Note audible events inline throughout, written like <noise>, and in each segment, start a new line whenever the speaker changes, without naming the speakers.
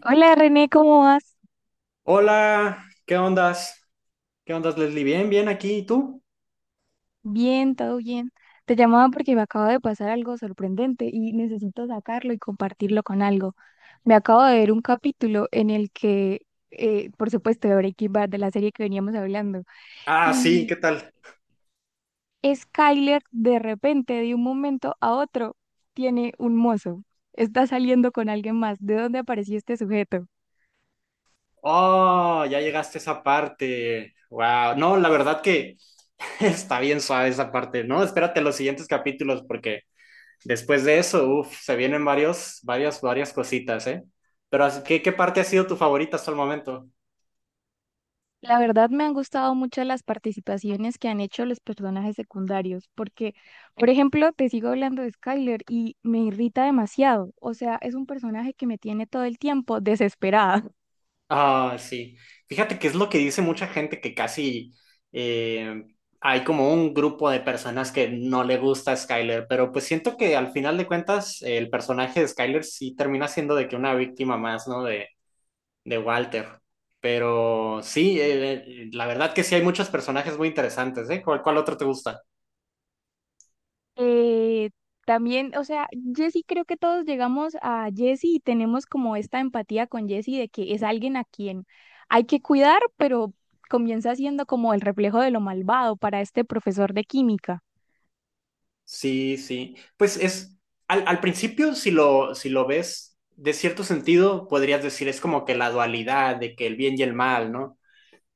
Hola René, ¿cómo vas?
Hola, ¿qué ondas? ¿Qué ondas, Leslie? Bien, bien aquí, ¿y tú?
Bien, todo bien. Te llamaba porque me acaba de pasar algo sorprendente y necesito sacarlo y compartirlo con algo. Me acabo de ver un capítulo en el que, por supuesto, de Breaking Bad, de la serie que veníamos hablando,
Ah, sí,
y
¿qué tal?
Skyler de repente, de un momento a otro, tiene un mozo. Está saliendo con alguien más. ¿De dónde apareció este sujeto?
Oh, ya llegaste a esa parte. Wow, no, la verdad que <laughs> está bien suave esa parte, ¿no? Espérate los siguientes capítulos porque después de eso, uff, se vienen varios, varias, varias cositas, ¿eh? Pero, ¿qué parte ha sido tu favorita hasta el momento?
La verdad me han gustado mucho las participaciones que han hecho los personajes secundarios, porque, por ejemplo, te sigo hablando de Skyler y me irrita demasiado. O sea, es un personaje que me tiene todo el tiempo desesperada. <laughs>
Ah, sí. Fíjate que es lo que dice mucha gente que casi eh, hay como un grupo de personas que no le gusta a Skyler, pero pues siento que al final de cuentas el personaje de Skyler sí termina siendo de que una víctima más, ¿no? De Walter. Pero sí, la verdad que sí hay muchos personajes muy interesantes, ¿eh? ¿Cuál otro te gusta?
Eh, También, o sea, Jesse, creo que todos llegamos a Jesse y tenemos como esta empatía con Jesse de que es alguien a quien hay que cuidar, pero comienza siendo como el reflejo de lo malvado para este profesor de química.
Sí, sí. Pues es, al principio, si lo ves, de cierto sentido, podrías decir, es como que la dualidad de que el bien y el mal, ¿no?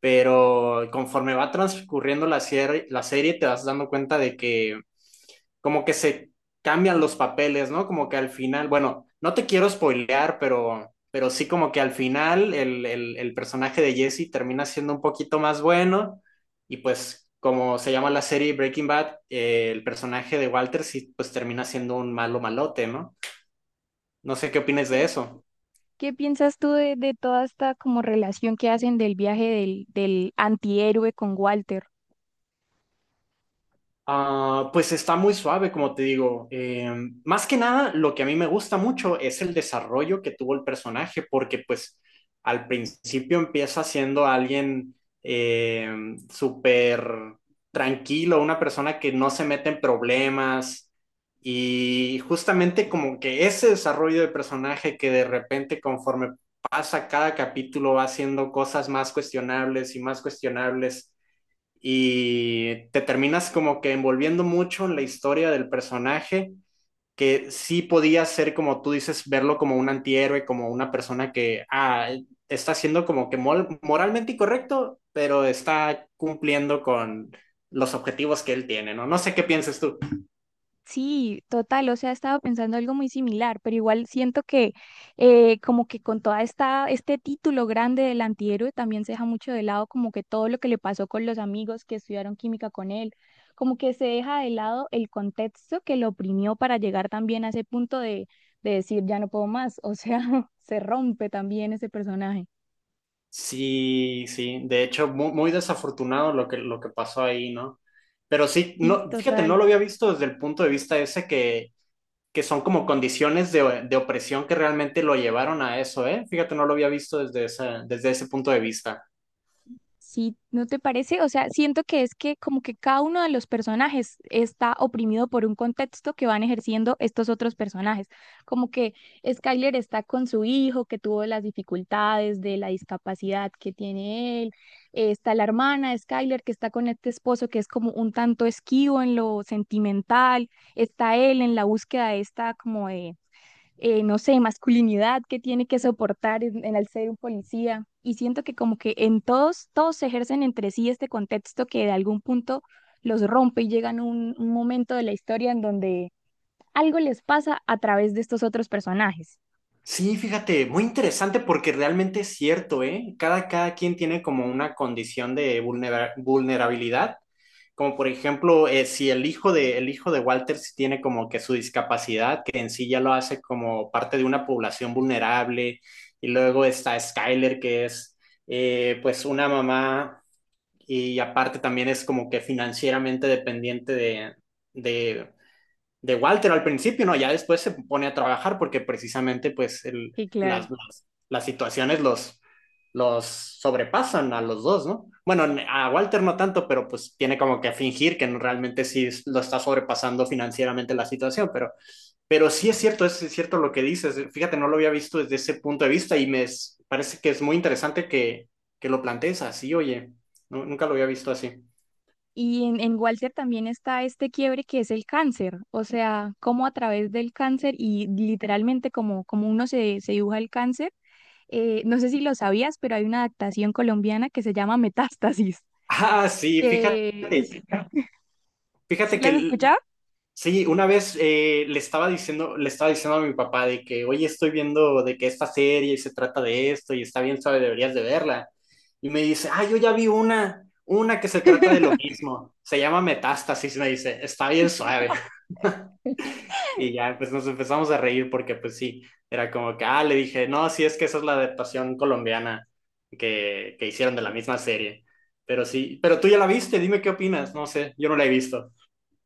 Pero conforme va transcurriendo la serie te vas dando cuenta de que como que se cambian los papeles, ¿no? Como que al final, bueno, no te quiero spoilear, pero sí como que al final el personaje de Jesse termina siendo un poquito más bueno y pues como se llama la serie Breaking Bad, el personaje de Walter sí pues termina siendo un malo malote, ¿no? No sé qué opinas de eso.
¿Qué piensas tú de toda esta como relación que hacen del viaje del, del antihéroe con Walter?
Ah, pues está muy suave, como te digo. Más que nada, lo que a mí me gusta mucho es el desarrollo que tuvo el personaje, porque pues al principio empieza siendo alguien eh, súper tranquilo, una persona que no se mete en problemas y justamente como que ese desarrollo de personaje que de repente conforme pasa cada capítulo va haciendo cosas más cuestionables y te terminas como que envolviendo mucho en la historia del personaje, que sí podía ser, como tú dices, verlo como un antihéroe, como una persona que ah, está siendo como que moralmente incorrecto, pero está cumpliendo con los objetivos que él tiene, ¿no? No sé qué pienses tú.
Sí, total, o sea, estaba pensando algo muy similar, pero igual siento que como que con toda esta, este título grande del antihéroe también se deja mucho de lado como que todo lo que le pasó con los amigos que estudiaron química con él, como que se deja de lado el contexto que lo oprimió para llegar también a ese punto de decir ya no puedo más, o sea, <laughs> se rompe también ese personaje.
Sí, sí, de hecho, muy, desafortunado lo que pasó ahí, ¿no? Pero sí,
Sí,
no, fíjate, no
total.
lo había visto desde el punto de vista ese que son como condiciones de opresión que realmente lo llevaron a eso, ¿eh? Fíjate, no lo había visto desde ese punto de vista.
Sí, ¿no te parece? O sea, siento que es que como que cada uno de los personajes está oprimido por un contexto que van ejerciendo estos otros personajes. Como que Skyler está con su hijo que tuvo las dificultades de la discapacidad que tiene él. Está la hermana de Skyler que está con este esposo que es como un tanto esquivo en lo sentimental. Está él en la búsqueda de esta como de no sé, masculinidad que tiene que soportar en el ser un policía. Y siento que como que en todos, todos ejercen entre sí este contexto que de algún punto los rompe y llegan a un momento de la historia en donde algo les pasa a través de estos otros personajes.
Sí, fíjate, muy interesante porque realmente es cierto, ¿eh? Cada, cada quien tiene como una condición de vulnerabilidad, como por ejemplo, si el hijo de, el hijo de Walter sí tiene como que su discapacidad, que en sí ya lo hace como parte de una población vulnerable, y luego está Skyler, que es pues una mamá y aparte también es como que financieramente dependiente de, de Walter al principio, ¿no? Ya después se pone a trabajar porque precisamente pues
Sí, claro.
las, las situaciones los sobrepasan a los dos, ¿no? Bueno, a Walter no tanto, pero pues tiene como que fingir que realmente sí lo está sobrepasando financieramente la situación, pero sí es cierto lo que dices. Fíjate, no lo había visto desde ese punto de vista y me parece que es muy interesante que lo plantees así, oye, no, nunca lo había visto así.
Y en Walter también está este quiebre que es el cáncer, o sea, cómo a través del cáncer y literalmente como, como uno se, se dibuja el cáncer, no sé si lo sabías, pero hay una adaptación colombiana que se llama Metástasis,
Ah, sí, fíjate.
que <laughs> es- ¿sí
Fíjate
las has
que
escuchado?
sí, una vez le estaba diciendo a mi papá de que, oye, estoy viendo de que esta serie se trata de esto y está bien suave, deberías de verla. Y me dice, ah, yo ya vi una que se trata de lo mismo. Se llama Metástasis, me dice, está bien suave. <laughs> Y ya, pues nos empezamos a reír porque, pues sí, era como que, ah, le dije, no, sí, es que esa es la adaptación colombiana que hicieron de la misma serie. Pero sí, pero tú ya la viste, dime qué opinas, no sé, yo no la he visto.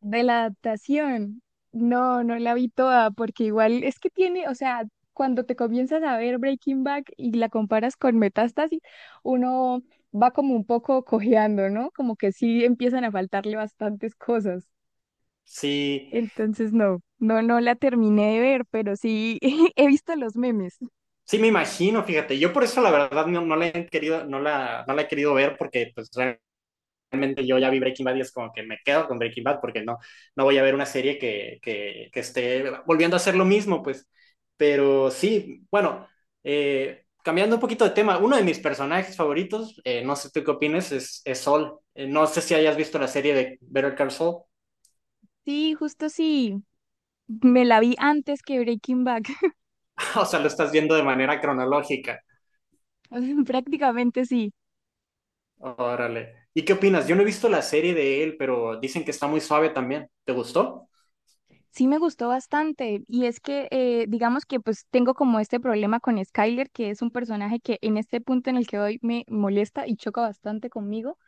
De la adaptación. No, no la vi toda, porque igual es que tiene, o sea, cuando te comienzas a ver Breaking Bad y la comparas con Metástasis, uno va como un poco cojeando, ¿no? Como que sí empiezan a faltarle bastantes cosas.
Sí.
Entonces, no la terminé de ver, pero sí <laughs> he visto los memes.
Sí, me imagino, fíjate, yo por eso la verdad no, no la he querido, no la, no la he querido ver porque pues realmente yo ya vi Breaking Bad y es como que me quedo con Breaking Bad porque no, no voy a ver una serie que esté volviendo a hacer lo mismo, pues. Pero sí, bueno, cambiando un poquito de tema, uno de mis personajes favoritos, no sé tú qué opinas, es Sol. No sé si hayas visto la serie de Better Call Saul,
Sí, justo sí. Me la vi antes que Breaking Bad.
<laughs> o sea, lo estás viendo de manera cronológica.
<laughs> Prácticamente sí.
Órale. ¿Y qué opinas? Yo no he visto la serie de él, pero dicen que está muy suave también. ¿Te gustó?
Sí me gustó bastante y es que digamos que pues tengo como este problema con Skyler, que es un personaje que en este punto en el que hoy me molesta y choca bastante conmigo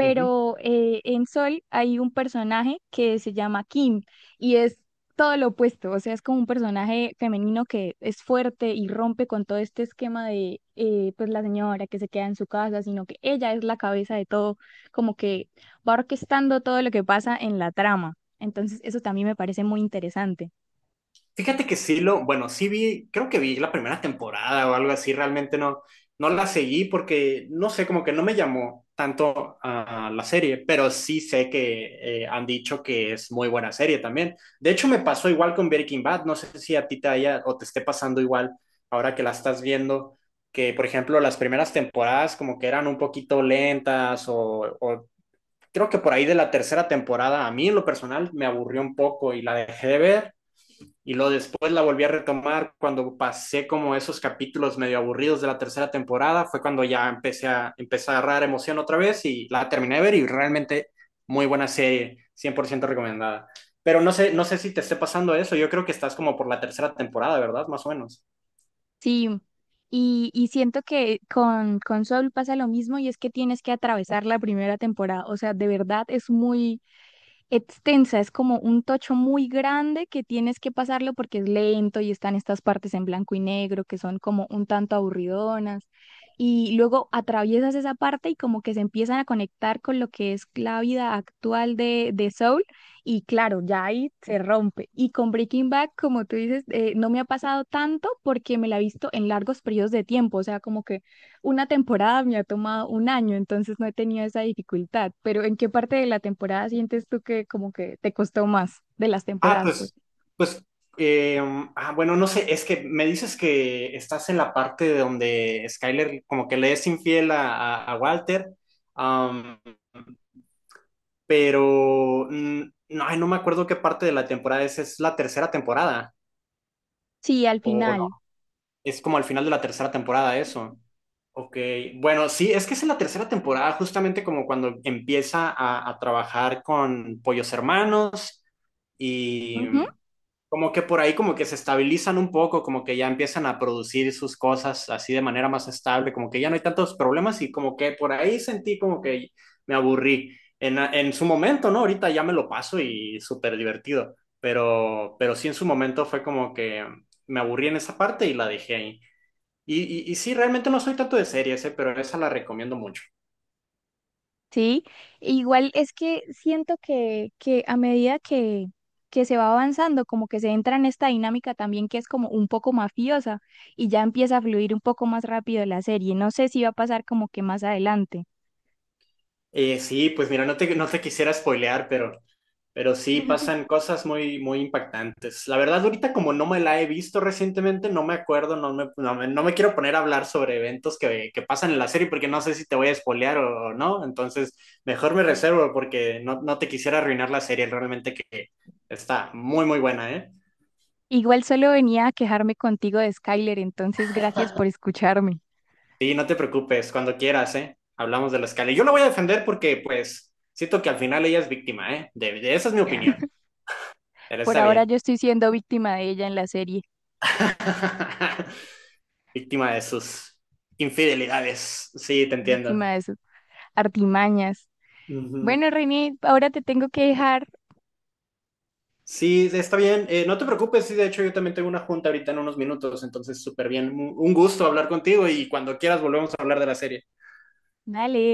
Ujú.
en Sol hay un personaje que se llama Kim y es todo lo opuesto, o sea, es como un personaje femenino que es fuerte y rompe con todo este esquema de pues la señora que se queda en su casa, sino que ella es la cabeza de todo, como que va orquestando todo lo que pasa en la trama. Entonces, eso también me parece muy interesante.
Fíjate que sí lo, bueno, sí vi, creo que vi la primera temporada o algo así, realmente no, no la seguí porque, no sé, como que no me llamó tanto a la serie, pero sí sé que han dicho que es muy buena serie también. De hecho, me pasó igual con Breaking Bad, no sé si a ti te haya o te esté pasando igual ahora que la estás viendo, que por ejemplo las primeras temporadas como que eran un poquito lentas o creo que por ahí de la tercera temporada, a mí en lo personal me aburrió un poco y la dejé de ver y luego después la volví a retomar cuando pasé como esos capítulos medio aburridos de la tercera temporada, fue cuando ya empecé a, empecé a agarrar emoción otra vez y la terminé de ver y realmente muy buena serie, 100% recomendada. Pero no sé, no sé si te esté pasando eso, yo creo que estás como por la tercera temporada, ¿verdad? Más o menos.
Sí. Y siento que con Soul pasa lo mismo y es que tienes que atravesar la primera temporada. O sea, de verdad es muy, extensa, es como un tocho muy grande que tienes que pasarlo porque es lento y están estas partes en blanco y negro que son como un tanto aburridonas. Y luego atraviesas esa parte y como que se empiezan a conectar con lo que es la vida actual de Soul. Y claro, ya ahí se rompe. Y con Breaking Bad, como tú dices, no me ha pasado tanto porque me la he visto en largos periodos de tiempo. O sea, como que una temporada me ha tomado un año, entonces no he tenido esa dificultad, pero ¿en qué parte de la temporada sientes tú que como que te costó más de las
Ah,
temporadas, pues?
pues, pues, eh, bueno, no sé, es que me dices que estás en la parte de donde Skyler como que le es infiel a, a Walter, am, pero no, ay, no me acuerdo qué parte de la temporada es la tercera temporada,
Sí, al
o no,
final.
es como al final de la tercera temporada eso. Ok, bueno, sí, es que es en la tercera temporada, justamente como cuando empieza a trabajar con Pollos Hermanos. Y,
Ujú,
como que por ahí como que se estabilizan un poco, como que ya empiezan a producir sus cosas así de manera más estable, como que ya no hay tantos problemas y como que por ahí sentí como que me aburrí en su momento, ¿no? Ahorita ya me lo paso y súper divertido, pero sí en su momento fue como que me aburrí en esa parte y la dejé ahí. Y sí, realmente no soy tanto de series, ¿eh? Pero esa la recomiendo mucho.
sí, igual es que siento que a medida que se va avanzando, como que se entra en esta dinámica también que es como un poco mafiosa y ya empieza a fluir un poco más rápido la serie. No sé si va a pasar como que más adelante.
Sí, pues mira, no te, no te quisiera spoilear, pero sí pasan cosas muy, muy impactantes. La verdad, ahorita como no me la he visto recientemente, no me acuerdo, no me, no me, no me quiero poner a hablar sobre eventos que pasan en la serie porque no sé si te voy a spoilear o no. Entonces, mejor me reservo porque no, no te quisiera arruinar la serie, realmente que está muy, muy buena, ¿eh?
Igual solo venía a quejarme contigo de Skyler, entonces gracias por escucharme.
Sí, no te preocupes, cuando quieras, ¿eh? Hablamos de la escala. Y yo la voy a defender porque, pues, siento que al final ella es víctima, ¿eh? De, esa es mi opinión, pero
Por
está
ahora
bien.
yo estoy siendo víctima de ella en la serie,
<laughs> Víctima de sus infidelidades. Sí, te entiendo.
víctima de sus artimañas.
Ujú.
Bueno, René, ahora te tengo que dejar.
Sí, está bien. No te preocupes, sí, de hecho yo también tengo una junta ahorita en unos minutos, entonces súper bien. Un gusto hablar contigo y cuando quieras volvemos a hablar de la serie.
Dale.